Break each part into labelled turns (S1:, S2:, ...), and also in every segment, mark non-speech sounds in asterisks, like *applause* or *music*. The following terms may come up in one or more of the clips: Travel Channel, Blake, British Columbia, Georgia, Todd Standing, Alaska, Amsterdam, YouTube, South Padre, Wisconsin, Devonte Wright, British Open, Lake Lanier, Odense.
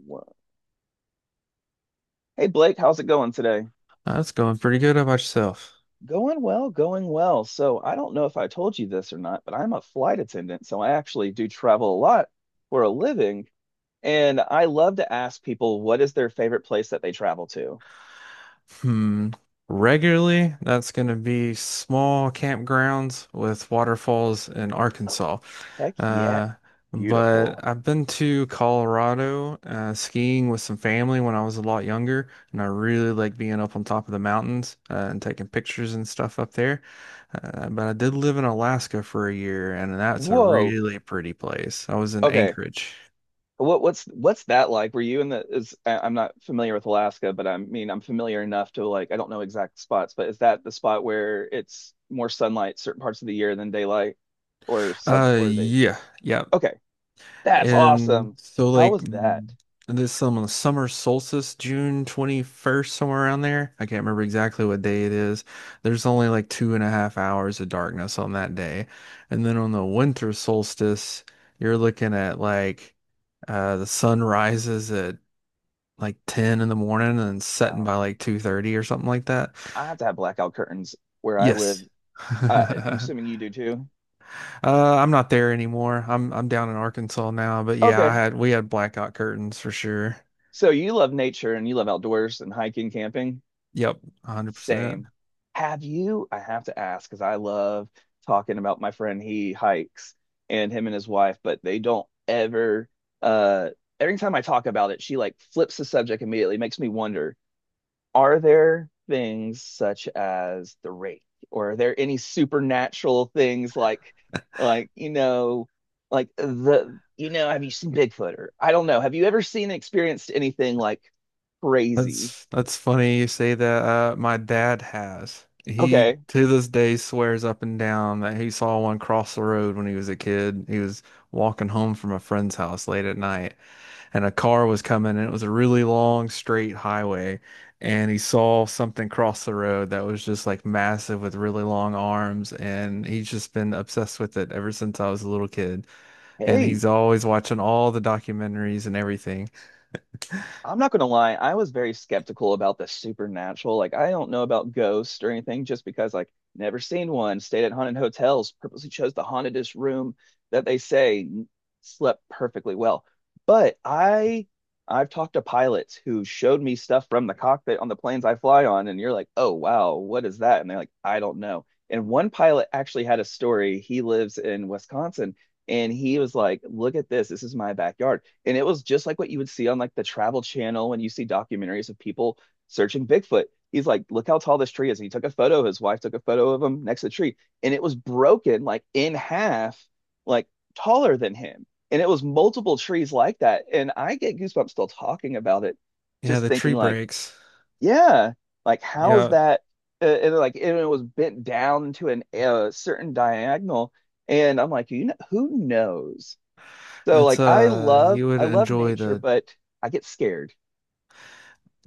S1: Well, hey Blake, how's it going today?
S2: That's going pretty good. How about yourself?
S1: Going well, going well. So I don't know if I told you this or not, but I'm a flight attendant, so I actually do travel a lot for a living, and I love to ask people what is their favorite place that they travel to.
S2: Hmm. Regularly, that's going to be small campgrounds with waterfalls in
S1: Oh,
S2: Arkansas.
S1: heck yeah.
S2: Uh,
S1: Beautiful.
S2: but I've been to Colorado skiing with some family when I was a lot younger, and I really like being up on top of the mountains and taking pictures and stuff up there. But I did live in Alaska for a year, and that's a
S1: Whoa.
S2: really pretty place. I was in
S1: Okay.
S2: Anchorage.
S1: What's that like? Were you in the is I- I'm not familiar with Alaska, but I mean I'm familiar enough to, like, I don't know exact spots, but is that the spot where it's more sunlight certain parts of the year than daylight or some or they
S2: Yeah, yeah.
S1: Okay, that's
S2: And
S1: awesome.
S2: so
S1: How
S2: like
S1: was that?
S2: mm, this some summer solstice, June 21st, somewhere around there. I can't remember exactly what day it is. There's only like 2.5 hours of darkness on that day. And then on the winter solstice, you're looking at like the sun rises at like 10 in the morning and setting
S1: Wow.
S2: by like 2:30 or something like that.
S1: I have to have blackout curtains where I live.
S2: Yes.
S1: I'm assuming
S2: *laughs*
S1: you do too.
S2: I'm not there anymore. I'm down in Arkansas now, but yeah, I
S1: Okay.
S2: had we had blackout curtains for sure.
S1: So you love nature and you love outdoors and hiking, camping.
S2: Yep, 100%.
S1: Same. Have you? I have to ask because I love talking about my friend. He hikes and him and his wife, but they don't ever. Uh, every time I talk about it, she like flips the subject immediately. Makes me wonder: are there things such as the rake, or are there any supernatural things like like the have you seen Bigfoot or I don't know? Have you ever seen and experienced anything like crazy?
S2: That's funny you say that. My dad has. He
S1: Okay.
S2: to this day swears up and down that he saw one cross the road when he was a kid. He was walking home from a friend's house late at night, and a car was coming, and it was a really long straight highway, and he saw something cross the road that was just like massive with really long arms, and he's just been obsessed with it ever since I was a little kid, and
S1: Hey,
S2: he's always watching all the documentaries and everything.
S1: I'm not gonna lie, I was very skeptical about the supernatural. Like I don't know about ghosts or anything, just because, like, never seen one, stayed at haunted hotels, purposely chose the hauntedest room that they say, slept perfectly well. But I've talked to pilots who showed me stuff from the cockpit on the planes I fly on, and you're like, oh wow, what is that? And they're like, I don't know. And one pilot actually had a story. He lives in Wisconsin, and he was like, look at this, this is my backyard. And it was just like what you would see on like the Travel Channel when you see documentaries of people searching Bigfoot. He's like, look how tall this tree is. And he took a photo. His wife took a photo of him next to the tree, and it was broken like in half, like taller than him. And it was multiple trees like that. And I get goosebumps still talking about it,
S2: Yeah,
S1: just
S2: the
S1: thinking
S2: tree
S1: like,
S2: breaks.
S1: yeah, like how is
S2: Yeah,
S1: that? And like, and it was bent down to an a certain diagonal. And I'm like, you know, who knows? So
S2: it's
S1: like
S2: you would
S1: I love
S2: enjoy
S1: nature,
S2: the
S1: but I get scared.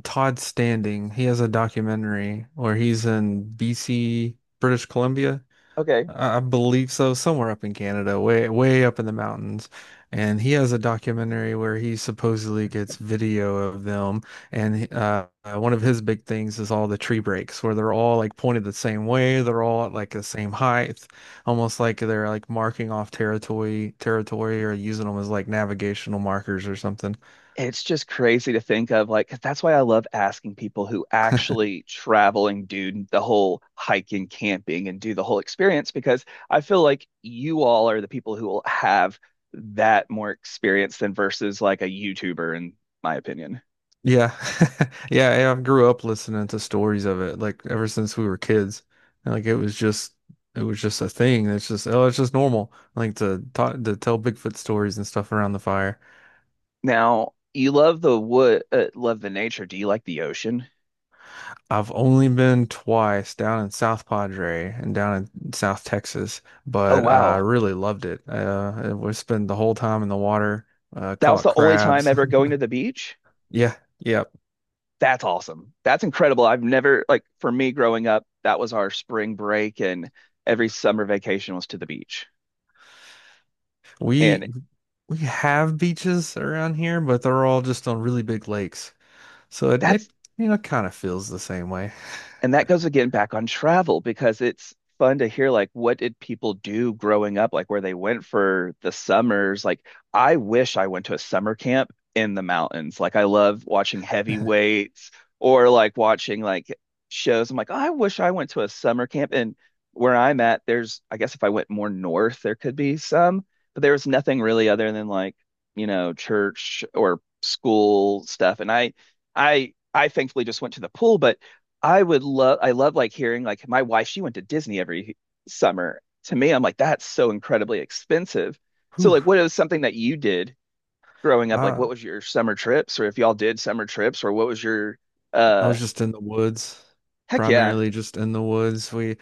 S2: Todd Standing. He has a documentary where he's in BC, British Columbia,
S1: Okay.
S2: I believe so, somewhere up in Canada, way up in the mountains. And he has a documentary where he supposedly gets video of them. And one of his big things is all the tree breaks, where they're all like pointed the same way, they're all at like the same height, almost like they're like marking off territory, or using them as like navigational markers or something.
S1: It's just crazy to think of, like, 'cause that's why I love asking people who actually travel and do the whole hiking, camping and do the whole experience, because I feel like you all are the people who will have that more experience than versus like a YouTuber, in my opinion.
S2: Yeah. *laughs* Yeah, yeah, I grew up listening to stories of it like ever since we were kids. Like it was just a thing. It's just oh, it's just normal like to tell Bigfoot stories and stuff around the fire.
S1: Now, you love the wood, love the nature. Do you like the ocean?
S2: I've only been twice down in South Padre and down in South Texas,
S1: Oh
S2: but I
S1: wow.
S2: really loved it. We spent the whole time in the water,
S1: That was
S2: caught
S1: the only time
S2: crabs.
S1: ever
S2: *laughs*
S1: going to the beach?
S2: Yeah, yeah.
S1: That's awesome. That's incredible. I've never, like, for me growing up, that was our spring break, and every summer vacation was to the beach. And
S2: We we have beaches around here, but they're all just on really big lakes. So it,
S1: that's
S2: it you know kind of feels the same way.
S1: That goes again back on travel because it's fun to hear like what did people do growing up, like where they went for the summers. Like I wish I went to a summer camp in the mountains. Like I love watching
S2: *laughs*
S1: heavyweights or like watching like shows. I'm like, "Oh, I wish I went to a summer camp." And where I'm at, there's, I guess if I went more north, there could be some, but there was nothing really other than like, you know, church or school stuff. And I thankfully just went to the pool, but I would love, I love like hearing like my wife, she went to Disney every summer. To me, I'm like, that's so incredibly expensive. So,
S2: Whew.
S1: like, what is something that you did growing up? Like, what
S2: Uh,
S1: was your summer trips, or if y'all did summer trips, or what was your,
S2: I
S1: uh,
S2: was just in the woods,
S1: heck yeah,
S2: primarily just in the woods.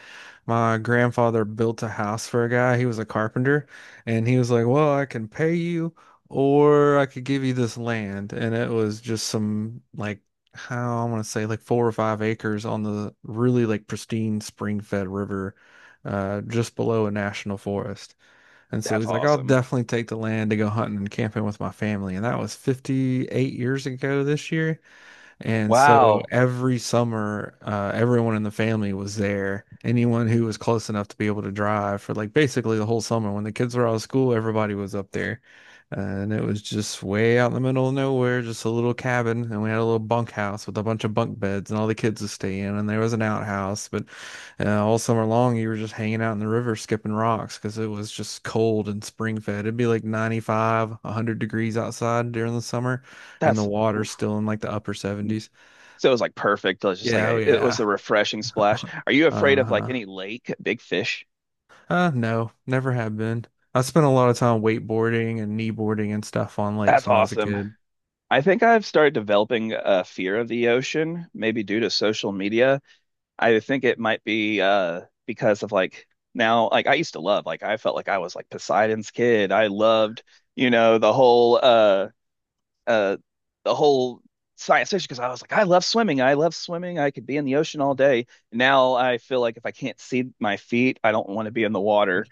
S2: My grandfather built a house for a guy. He was a carpenter, and he was like, "Well, I can pay you, or I could give you this land." And it was just some like how I want to say like 4 or 5 acres on the really like pristine spring-fed river, just below a national forest. And so
S1: that's
S2: he's like, I'll
S1: awesome.
S2: definitely take the land to go hunting and camping with my family. And that was 58 years ago this year. And so
S1: Wow,
S2: every summer, everyone in the family was there. Anyone who was close enough to be able to drive for like basically the whole summer. When the kids were out of school, everybody was up there. And it was just way out in the middle of nowhere, just a little cabin. And we had a little bunkhouse with a bunch of bunk beds, and all the kids would stay in. And there was an outhouse. But all summer long, you were just hanging out in the river, skipping rocks because it was just cold and spring fed. It'd be like 95, 100 degrees outside during the summer and the
S1: that's,
S2: water's
S1: oof.
S2: still in like the upper 70s.
S1: So it was like perfect. It was just like
S2: Yeah, oh
S1: it was a
S2: yeah.
S1: refreshing splash. Are you afraid of like
S2: Uh-huh.
S1: any lake, big fish?
S2: No, never have been. I spent a lot of time wakeboarding and kneeboarding and stuff on lakes
S1: That's
S2: when I was a
S1: awesome.
S2: kid.
S1: I think I've started developing a fear of the ocean, maybe due to social media. I think it might be because of like now, like I used to love, like I felt like I was like Poseidon's kid. I loved, you know, uh the whole science fiction because I was like I love swimming. I love swimming. I could be in the ocean all day. Now I feel like if I can't see my feet, I don't want to be in the water.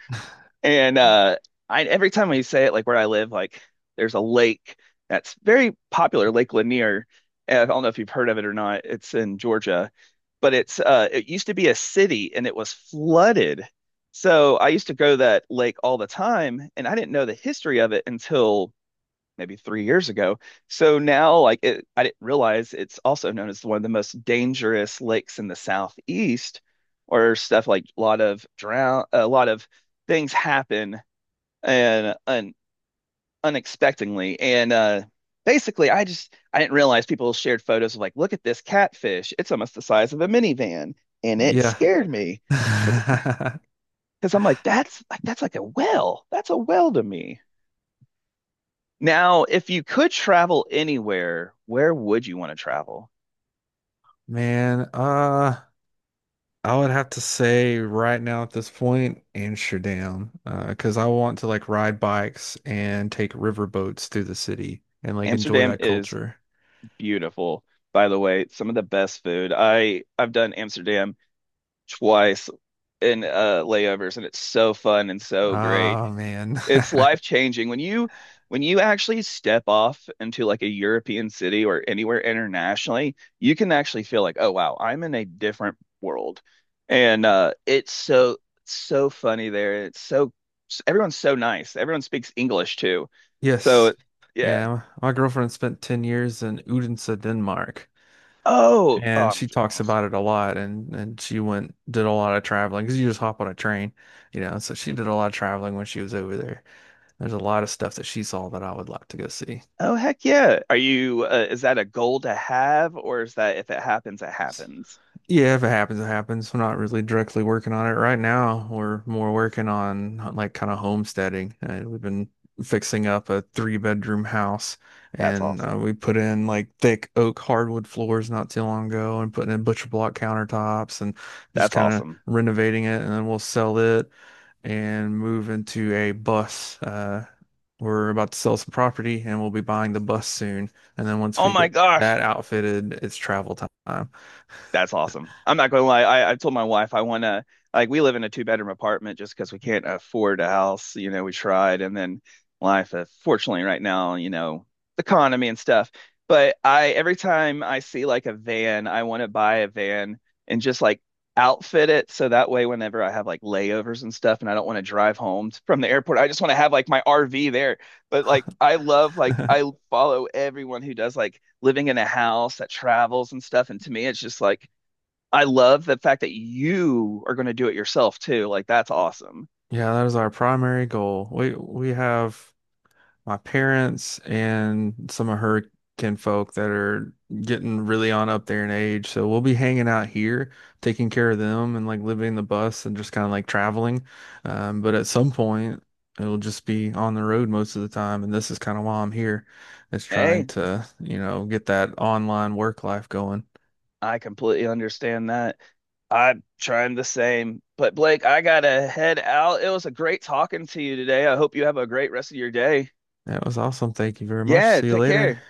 S1: And I every time we say it, like where I live, like there's a lake that's very popular, Lake Lanier. And I don't know if you've heard of it or not. It's in Georgia, but it's it used to be a city and it was flooded. So I used to go to that lake all the time and I didn't know the history of it until maybe 3 years ago. So now like it, I didn't realize it's also known as one of the most dangerous lakes in the southeast or stuff, like a lot of drown, a lot of things happen and unexpectedly. And Basically, I just I didn't realize people shared photos of like, look at this catfish. It's almost the size of a minivan, and it
S2: Yeah.
S1: scared me because
S2: *laughs*
S1: I'm like, that's like a whale. That's a whale to me. Now, if you could travel anywhere, where would you want to travel?
S2: Man, I would have to say right now at this point, Amsterdam, because I want to like ride bikes and take river boats through the city and like enjoy
S1: Amsterdam
S2: that
S1: is
S2: culture.
S1: beautiful, by the way. Some of the best food. I've done Amsterdam twice in layovers and it's so fun and so great.
S2: Oh man.
S1: It's life
S2: *laughs*
S1: changing when you actually step off into like a European city or anywhere internationally, you can actually feel like, oh wow, I'm in a different world. And it's so, so funny there. It's so, everyone's so nice. Everyone speaks English too. So
S2: Yes.
S1: yeah.
S2: Yeah. My girlfriend spent 10 years in Odense, Denmark,
S1: Oh, oh,
S2: and
S1: I'm
S2: she talks
S1: jealous.
S2: about it a lot. And she went, did a lot of traveling because you just hop on a train, you know. So she did a lot of traveling when she was over there. There's a lot of stuff that she saw that I would like to go see.
S1: Oh heck yeah. Are you is that a goal to have, or is that if it happens it happens?
S2: Yeah, if it happens, it happens. I'm not really directly working on it right now. We're more working on like kind of homesteading. We've been fixing up a three-bedroom house
S1: That's
S2: and
S1: awesome.
S2: we put in like thick oak hardwood floors not too long ago and putting in butcher block countertops and just
S1: That's
S2: kind of
S1: awesome.
S2: renovating it. And then we'll sell it and move into a bus. We're about to sell some property and we'll be buying the bus soon. And then once
S1: Oh
S2: we
S1: my
S2: get
S1: gosh.
S2: that outfitted, it's travel time.
S1: That's
S2: *laughs*
S1: awesome. I'm not gonna lie. I told my wife I wanna, like, we live in a two-bedroom apartment just because we can't afford a house. You know, we tried, and then life, fortunately, right now, you know, the economy and stuff. But I every time I see like a van, I want to buy a van and just like outfit it so that way whenever I have like layovers and stuff, and I don't want to drive home from the airport, I just want to have like my RV there. But like I love like I follow everyone who does like living in a house that travels and stuff. And to me, it's just like I love the fact that you are going to do it yourself too. Like that's awesome.
S2: Yeah, that is our primary goal. We have my parents and some of her kinfolk that are getting really on up there in age. So we'll be hanging out here, taking care of them and like living the bus and just kind of like traveling. But at some point, it'll just be on the road most of the time. And this is kind of why I'm here, is trying
S1: Hey,
S2: to, you know, get that online work life going.
S1: I completely understand that. I'm trying the same. But Blake, I gotta head out. It was a great talking to you today. I hope you have a great rest of your day.
S2: That was awesome. Thank you very much.
S1: Yeah,
S2: See you
S1: take
S2: later.
S1: care.